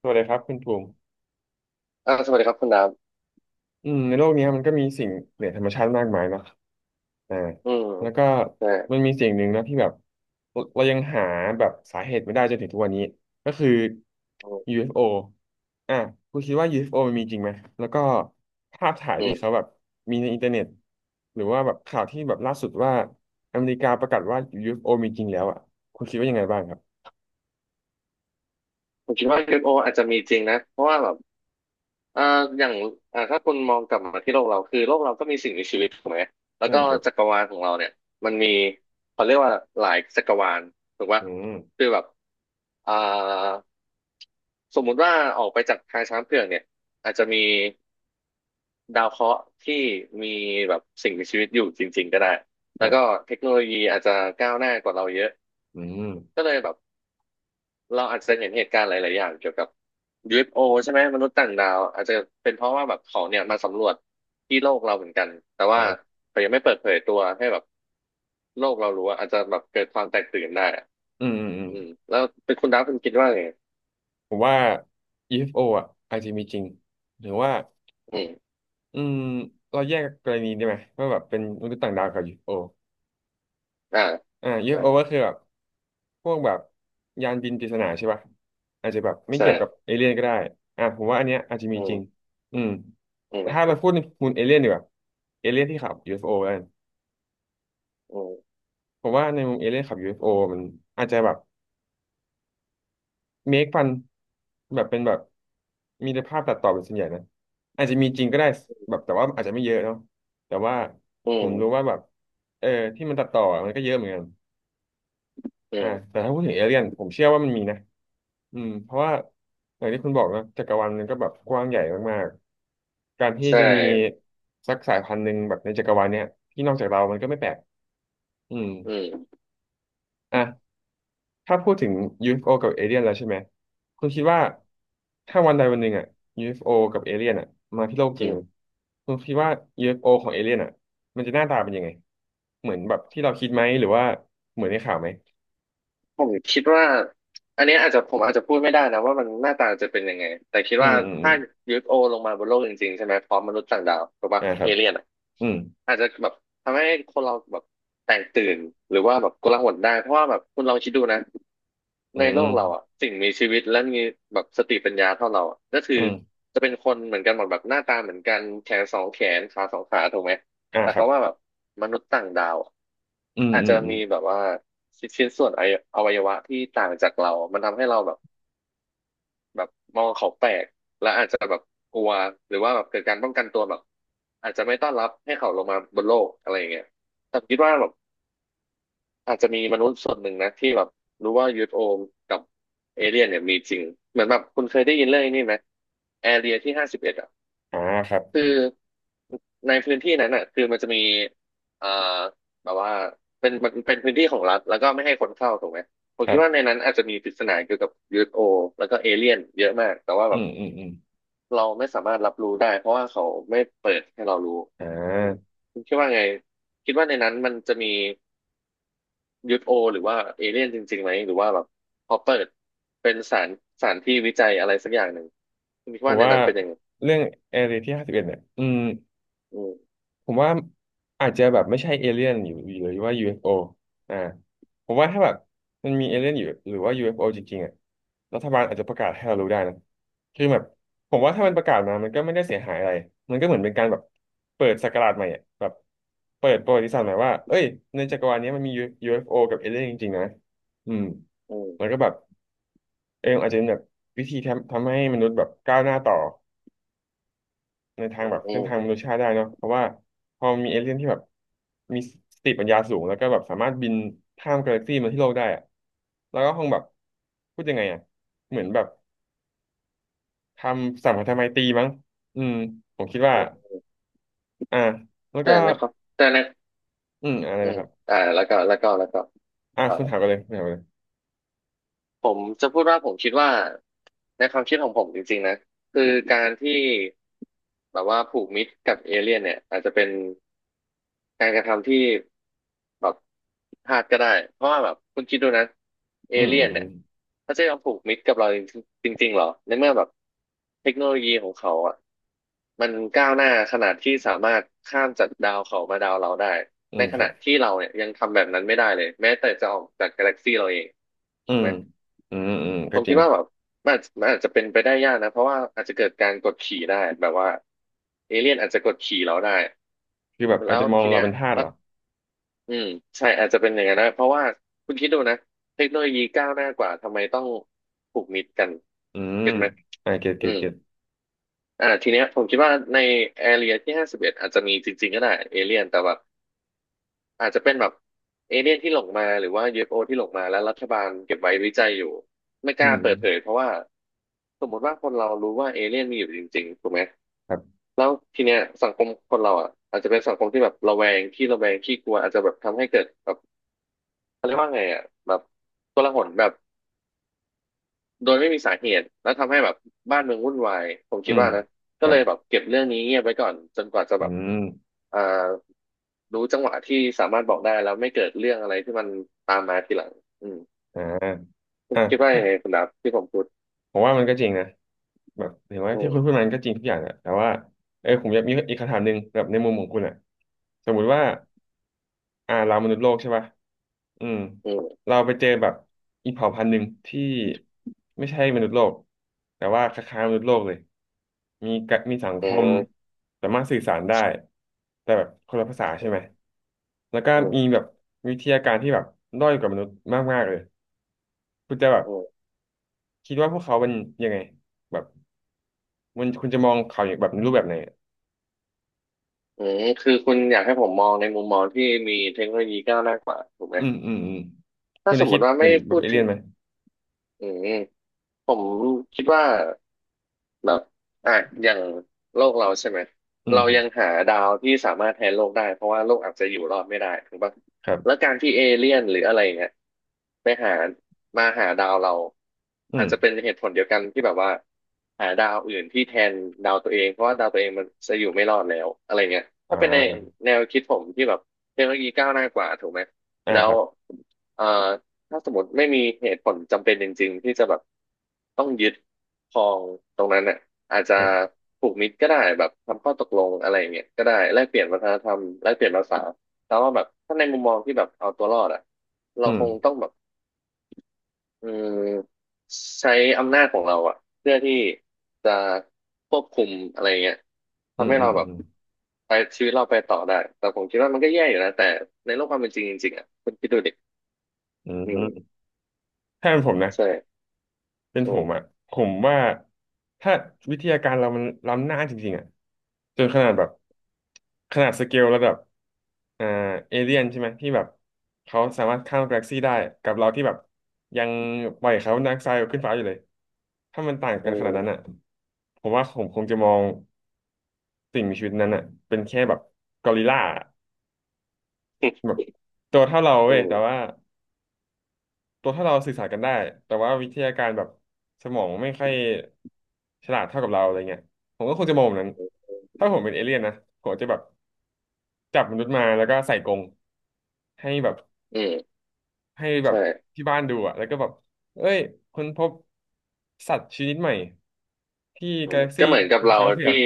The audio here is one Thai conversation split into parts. สวัสดีครับคุณภูมิสวัสดีครับคุณดาบในโลกนี้มันก็มีสิ่งเหนือธรรมชาติมากมายเนาะอ่าอืมแล้วก็ใช่มันมีสิ่งหนึ่งนะที่แบบเรายังหาแบบสาเหตุไม่ได้จนถึงทุกวันนี้ก็คือ อืม UFO อฟโออ่ะคุณคิดว่า UFO มันมีจริงไหมแล้วก็ภาพถ่ายอืที่เขามแบบมีในอินเทอร์เน็ตหรือว่าแบบข่าวที่แบบล่าสุดว่าอเมริกาประกาศว่า UFO มีจริงแล้วอ่ะคุณคิดว่ายังไงบ้างครับผมคิดว่า UFO อฟโออาจจะมีจริงนะเพราะว่าแบบอ่าอย่างถ้าคุณมองกลับมาที่โลกเราคือโลกเราก็มีสิ่งมีชีวิตถูกไหมแล้วอืก็มครับจักรวาลของเราเนี่ยมันมีเขาเรียกว่าหลายจักรวาลถูกปะอืมคือแบบอ่าสมมุติว่าออกไปจากทางช้างเผือกเนี่ยอาจจะมีดาวเคราะห์ที่มีแบบสิ่งมีชีวิตอยู่จริงๆก็ได้ คแล้รัวก็บเทคโนโลยีอาจจะก้าวหน้ากว่าเราเยอะ อืมก็เลยแบบเราอาจจะเห็นเหตุการณ์หลายๆอย่างเกี่ยวกับ UFO ใช่ไหมมนุษย์ต่างดาวอาจจะเป็นเพราะว่าแบบเขาเนี่ยมาสำรวจที่โลกเราเหมือนกันแต่อ่ว่าาเขายังไม่เปิดเผยตัวให้แบบโลกเรารู้อะอาจจะแบบเกิดความแตกตื่นได้อะอืมอืมอืม อืมแล้วเป็นคุณดาวคุณคิดว่าไงผมว่า UFO อฟโออ่ะอาจจะมีจริง หรือว่าอืมอืมเราแยกกรณีได้ไหมว่าแบบเป็นมนุษย์ต่างดาวกับ UFO อฟอ่าโออ่า ใช่ UFO ก็คือแบบพวกแบบยานบินปริศนาใช่ป่ะอาจจะแบบไม่ใช่เกี่ยวกับเอเลี่ยนก็ได้ผมว่าอันเนี้ยอาจจะมีอืจริงมอืมอืแต่มถ้าเราพูดในมุมเอเลี่ยนดีกว่าเอเลี่ยนที่ขับ UFO กันอืมผมว่าในมุมเอเลี่ยนขับ UFO มันอาจจะแบบ เมคฟันแบบเป็นแบบมีแต่ภาพตัดต่อเป็นส่วนใหญ่นะอาจจะมีจริงก็ได้แบบแต่ว่าอาจจะไม่เยอะเนาะแต่ว่าอืผมรู้มว่าแบบเออที่มันตัดต่อมันก็เยอะเหมือนกันอืมแต่ถ้าพูดถึงเอเลี่ยนผมเชื่อว่ามันมีนะเพราะว่าอย่างที่คุณบอกนะจักรวาลมันก็แบบกว้างใหญ่มากๆการที่ใช่จะมีสักสายพันธุ์หนึ่งแบบในจักรวาลเนี้ยที่นอกจากเรามันก็ไม่แปลกอืมอืมอ่ะ ถ้าพูดถึง UFO กับเอเลี่ยนแล้วใช่ไหมคุณคิดว่าถ้าวันใดวันหนึ่งอ่ะ UFO กับเอเลี่ยนอ่ะมาที่โลกจอืริงม คุณคิดว่า UFO ของเอเลี่ยนอ่ะมันจะหน้าตาเป็นยังไงเหมือนแบบที่เราคิดไหมหรือว่าเหมือนในข่าวไหมผมคิดว่าอันเนี้ยอาจจะผมอาจจะพูดไม่ได้นะว่ามันหน้าตาจะเป็นยังไงแต่คิดอืว่ามอืมอืมถ้า UFO ลงมาบนโลกจริงๆใช่ไหมพร้อมมนุษย์ต่างดาวถูกปะอ่าคเอรับเลี่ยนอะอืมอาจจะแบบทำให้คนเราแบบแตกตื่นหรือว่าแบบกลาหลได้เพราะว่าแบบคุณลองคิดดูนะอืในโลกเรามอะสิ่งมีชีวิตและมีแบบสติปัญญาเท่าเราอะก็คือือมจะเป็นคนเหมือนกันหมดแบบหน้าตาเหมือนกันแขนสองแขนขาสองขาถูกไหม อ่าแต่ครัเขาบว่าแบบมนุษย์ต่างดาวอะอืมอาจอืจะมอืมมีแบบว่าชิ้นส่วนอวัยวะที่ต่างจากเรา มันทำให้เราแบบแบบมองเขาแปลกและอาจจะแบบกลัวหรือว่าแบบเกิดการป้องกันตัวแบบอาจจะไม่ต้อนรับให้เขาลงมาบนโลกอะไรอย่างเงี้ยแต่คิดว่าแบบอาจจะมีมนุษย์ส่วนหนึ่งนะที่แบบรู้ว่ายู o โอกับเอเลี่ยนเนี่ยมีจริงเหมือนแบบคุณเคยได้ยินเรื่องนี้ไหมแอเรียที่ห้าสิบเอ็ดอ่ะอ่าครับคือ ในพื้นที่นั้นอ่ะคือมันจะมีเอ่อแบบว่าเป็นมันเป็นพื้นที่ของรัฐแล้วก็ไม่ให้คนเข้าถูกไหมผมครัคิดว่าในบนั้นอาจจะมีปริศนาเกี่ยวกับ UFO แล้วก็เอเลี่ยนเยอะมากแต่ว่าอืแบบมอืมอืมเราไม่สามารถรับรู้ได้เพราะว่าเขาไม่เปิดให้เรารู้อ่อืมาคุณคิดว่าไงคิดว่าในนั้นมันจะมี UFO หรือว่าเอเลี่ยนจริงๆไหมหรือว่าแบบพอเปิดเป็นสารที่วิจัยอะไรสักอย่างหนึ่งคุณคิดผมว่าในว่านั้นเป็นยังไงเรื่องแอเรียที่ห้าสิบเอ็ดเนี่ยอืม อืมผมว่าอาจจะแบบไม่ใช่เอเลี่ยนอยู่หรือว่า UFO อฟโออ่าผมว่าถ้าแบบมันมีเอเลี่ยนอยู่หรือว่า UFO จริงๆอ่ะรัฐบาลอาจจะประกาศให้เรารู้ได้นะคือแบบผมอืว่าถ้ามันประมกาศมามันก็ไม่ได้เสียหายอะไรมันก็เหมือนเป็นการแบบเปิดศักราชใหม่อ่ะแบบเปิดประวัติศาสตร์ใหม่ว่าเอ้ยในจักรวาลนี้มันมี UFO กับเอเลี่ยนจริงๆนะอืมแล้อืวก็แบบอาจจะเป็นแบบวิธีทำให้มนุษย์แบบก้าวหน้าต่อ ในทางแบบเส้นทางมมนุษยชาติได้เนาะเพราะว่าพอมีเอเลี่ยนที่แบบมีสติปัญญาสูงแล้วก็แบบสามารถบินข้ามกาแล็กซี่มาที่โลกได้อะแล้วก็คงแบบพูดยังไงอะเหมือนแบบทำสัมพันธไมตรีมั้งอืมผมคิดว่าอืมอ่าแล้วก็แต่ในความแต่ใน อืมอะไรอืนะมครับแล้วก็อ่าต่อคุณนะ ถามกันเลยคุณถามกันเลยผมจะพูดว่าผมคิดว่าในความคิดของผมจริงๆนะคือการที่แบบว่าผูกมิตรกับเอเลี่ยนเนี่ยอาจจะเป็นการกระทำที่แบบพลาดก็ได้เพราะว่าแบบคุณคิดดูนะเออืมเลี่อืยมนอืเนี่มยเขาจะยอมผูกมิตรกับเราจริงๆหรอในเมื่อแบบเทคโนโลยีของเขาอ่ะมันก้าวหน้าขนาดที่สามารถข้ามจากดาวเขามาดาวเราได้อืในมขครัณะบที่เราเนี่ยยังทำแบบนั้นไม่ได้เลยแม้แต่จะออกจากกาแล็กซี่เราเองอืถูกมไหม อืมอืมผก็มจคิริดงว่าแบบมันอาจจะเป็นไปได้ยากนะเพราะว่าอาจจะเกิดการกดขี่ได้แบบว่าเอเลี่ยนอาจจะกดขี่เราได้คือแบบอาจแล้วจะมองทีเราเนี้ยเป็นทาสแล้เหรวออืมใช่อาจจะเป็นอย่างนั้นนะเพราะว่าคุณคิดดูนะเทคโนโลยีก้าวหน้ากว่าทำไมต้องผูกมิตรกันอืมเก็ตไหมอ่าเก็ตอืเก็ตมเก็ตทีเนี้ยผมคิดว่าในแอเรียที่ห้าสิบเอ็ดอาจจะมีจริงๆก็ได้เอเลี่ยนแต่แบบ อาจจะเป็นแบบเอเลี่ยนที่หลงมาหรือว่า UFO ที่หลงมาแล้วรัฐบาลเก็บไว้วิจัยอยู่ไม่กอืล้ามเปิดเผยเพราะว่าสมมติว่าคนเรารู้ว่าเอเลี่ยนมีอยู่จริงๆถูกไหมครับแล้วทีเนี้ยสังคมคนเราอ่ะอาจจะเป็นสังคมที่แบบระแวงขี้กลัวอาจจะแบบทำให้เกิดแบบเขาเรียกว่าไงอ่ะแบบโกลาหลแบบ โดยไม่มีสาเหตุแล้วทำให้แบบบ้านเมืองวุ่นวายผมอืคิดมว่านะคก็รัเลบยแบบเก็บเรื่องนี้เงียบไว้ก่อนจนกว่าจะอืแบบมอ่ารู้จังหวะที่สามารถบอกได้แล้วไม่เกิดเรื่องอะไรที่มันตามมาทีหลังอืมอ่า คุณอ่ะคิดว่าถ้ายังไงคุณดับที่ผมพูดผมว่ามันก็จริงนะแบบเห็นว่าอืที่คุณพูมดมันก็จริงทุกอย่างแหละแต่ว่าผมอยากมีอีกคำถามหนึ่งแบบในมุมของคุณอ่ะสมมุติว่าเรามนุษย์โลกใช่ป่ะอืมอืมเราไปเจอแบบอีกเผ่าพันธุ์หนึ่งที่ไม่ใช่มนุษย์โลกแต่ว่าคล้ายๆมนุษย์โลกเลยมีกะมีสังอืคมมสามารถสื่อสารได้แต่แบบคนละภาษาใช่ไหมแล้วก็อืมีแบมบวิทยาการที่แบบด้อยกว่ามนุษย์มากๆเลยคุณจะแบบอืมคิดว่าพวกเขาเป็นยังไงแบบ มันคุณจะมองข่าวอย่างแบบรูปแบบไหนอะอืมคือคุณอยากให้ผมมองในมุมมองที่มีเทคโนโลยีก้าวหน้ากว่าถูกไหมอืมอืมอืม คุถ้าณสจะมมคิดติว่าเป็ไม่นแบพูบดเอเลี่ถึยงนไหม อืมผมคิดว่า แบบอ่ะอย่างโลกเราใช่ไหมอืมเราครับยังหาดาวที่สามารถแทนโลกได้เพราะว่าโลกอาจจะอยู่รอดไม่ได้ถูกปะครัแล้วบการที่เอเลี่ยนหรืออะไรเงี้ยไปหามาหาดาวเราอือามจจะเป็นเหตุผลเดียวกันที่แบบว่าหาดาวอื่นที่แทนดาวตัวเองเพราะว่าดาวตัวเองมันจะอยู่ไม่รอดแล้วอะไรเงี้ยอถ้าเป็นใน่าแนวคิดผมที่แบบเทคโนโลยีก้าวหน้ากว่าถูกไหมอ่าแล้ควรับเอ่อ ถ้าสมมติไม่มีเหตุผลจำเป็นจริงๆที่จะแบบต้องยึดครองตรงนั้นเนี่ยอาจจะครับ ผูกมิตรก็ได้แบบทำข้อตกลงอะไรอย่างเงี้ยก็ได้แลกเปลี่ยนวัฒนธรรมแลกเปลี่ยนภาษาแต่ว่าแบบถ้าในมุมมองที่แบบเอาตัวรอดอ่ะเราอืม คงต้องแบบอืมใช้อำนาจของเราอ่ะเพื่อที่จะควบคุมอะไรเงี้ยอืทำม ให้อืเราม แบบอืม ไปชีวิตเราไปต่อได้แต่ผมคิดว่ามันก็แย่อยู่นะแต่ในโลกความเป็นจริงจริงๆอ่ะคุณคิดดูดิอือืมมถ้าเป็นผมนะ ใช่เป็นอืผมมอ่ะผมว่าถ้าวิทยาการเรามันล้ำหน้าจริงๆอ่ะจนขนาดแบบขนาดสเกลระดับอ่าเอเลียนใช่ไหมที่แบบเขาสามารถข้ามกาแล็กซี่ได้กับเราที่แบบยังปล่อยคาร์บอนไดออกไซด์ขึ้นฟ้าอยู่เลยถ้ามันต่างอืกันขนาดนั้นอ่ะม ผมว่าผมคงจะมองสิ่งมีชีวิตนั้นอ่ะเป็นแค่แบบกอริลลาอืแบบตัวเท่าเราเว้มยแต่ว่า ตัวถ้าเราสื่อสารกันได้แต่ว่าวิทยาการแบบสมองไม่ค่อยฉลาดเท่ากับเราอะไรเงี้ยผมก็คงจะมองแบบนั้นถ้าผมเป็นเอเลี่ยนนะผมจะแบบจับมนุษย์มาแล้วก็ใส่กรงให้แบบอืมให้แบบใช่ที่บ้านดูอะแล้วก็แบบเอ้ยค้นพบสัตว์ชนิดใหม่ที่อืกามแล็กก็ซี่เหมือนกับทางเราช้างเผือกที่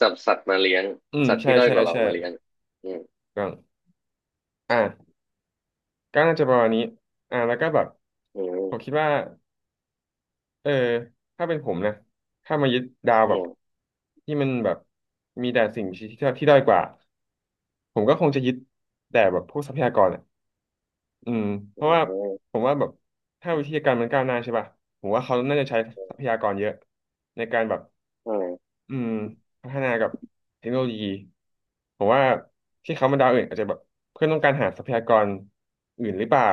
จับสัตว์มาเลี้ยงอืมสัตว์ใช่ที่ด้อยใช่กว่าเราใช่มาเลี้ยงอืมก็อ่ะก็น่าจะประมาณนี้แล้วก็แบบอืผมคิมดว่า เออถ้าเป็นผมนะถ้ามายึดดาวแบอืบมที่มันแบบมีแต่สิ่งที่ด้อยกว่าผมก็คงจะยึดแต่แบบพวกทรัพยากรอ่ะอืมเพราะว่าอืมผมว่าแบบถ้าวิทยาการมันก้าวหน้าใช่ป่ะผมว่าเขาน่าจะใช้ทรัพยากรเยอะในการแบบอืมอืมพัฒนากับเทคโนโลยีผมว่าที่เขามาดาวอื่นอาจจะแบบเพื่อนต้องการหาทรัพยากรอื่นหรือเปล่า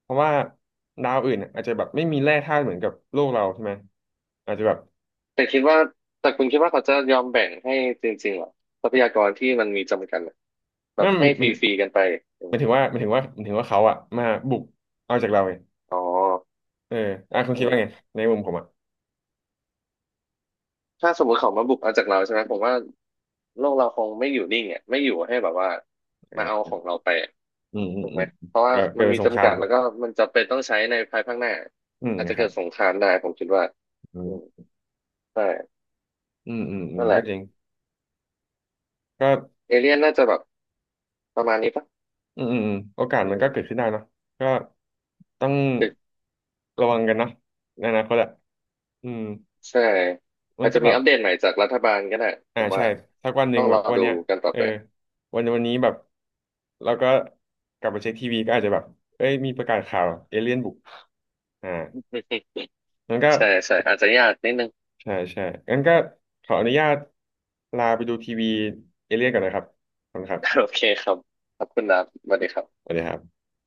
เพราะว่าดาวอื่นอาจจะแบบไม่มีแร่ธาตุเหมือนกับโลกเราใช่ไหมอาจจะแบบ แต่คิดว่าแต่คุณคิดว่าเขาจะยอมแบ่งให้จริงๆเหรอทรัพยากรที่มันมีจำกัดอะแบบนั่นมัให้นฟมันรีๆกันไปอหมายถึมงว่าหมายถึงว่าหมายถึงว่าเขาอะมาบุกเอาจากเราเองอ๋อเอออ่ะคุณอืคิดว่าม ไงในมุมผมอะถ้าสมมติเขามาบุกเอาจากเราใช่ไหมผมว่าโลกเราคงไม่อยู่นิ่งอ่ะไม่อยู่ให้แบบว่ามาเอาอ่าของเราไปอะอืมอืถูมกอืไหมมเพราะว่าเกิมัดนเป็มีนสงคจำรากัมดแล้วก็มันจะเป็นต้องใช้ในภายภาคหน้าอืมอาจจะคเกิรัดบสงครามได้ผมคิดว่าอือืมมใช่อืมอืมอืมนั่นแหก็ละจริงก็เอเลี่ยนน่าจะแบบประมาณนี้ปะอืมอืมอืมโอกาสอืมันก็มเกิดขึ้นได้เนอะก็ต้องตึกระวังกันเนอะในอนาคตอะอืมใช่มัอานจก็จะแบมีบอัปเดตใหม่จากรัฐบาลก็ได้ผอ่ามว่าใช่สักวันหต้นึ่องงแบรอบวันดูเนี้ยกันต่อเออไปวันนี้แบบเราก็กลับไปเช็คทีวีก็อาจจะแบบเอ้ยมีประกาศข่าวเอเลี่ยนบุกอ่า งั้นก็ใช่ใช่อาจจะยากนิดนึง ใช่ใช่งั้นก็ขออนุญาตลาไปดูทีวีเอเลี่ยนก่อนนะครับขอบคุณครั โอบเคครับขอบคุณครับสวัสดีครัสบวัสดีครับ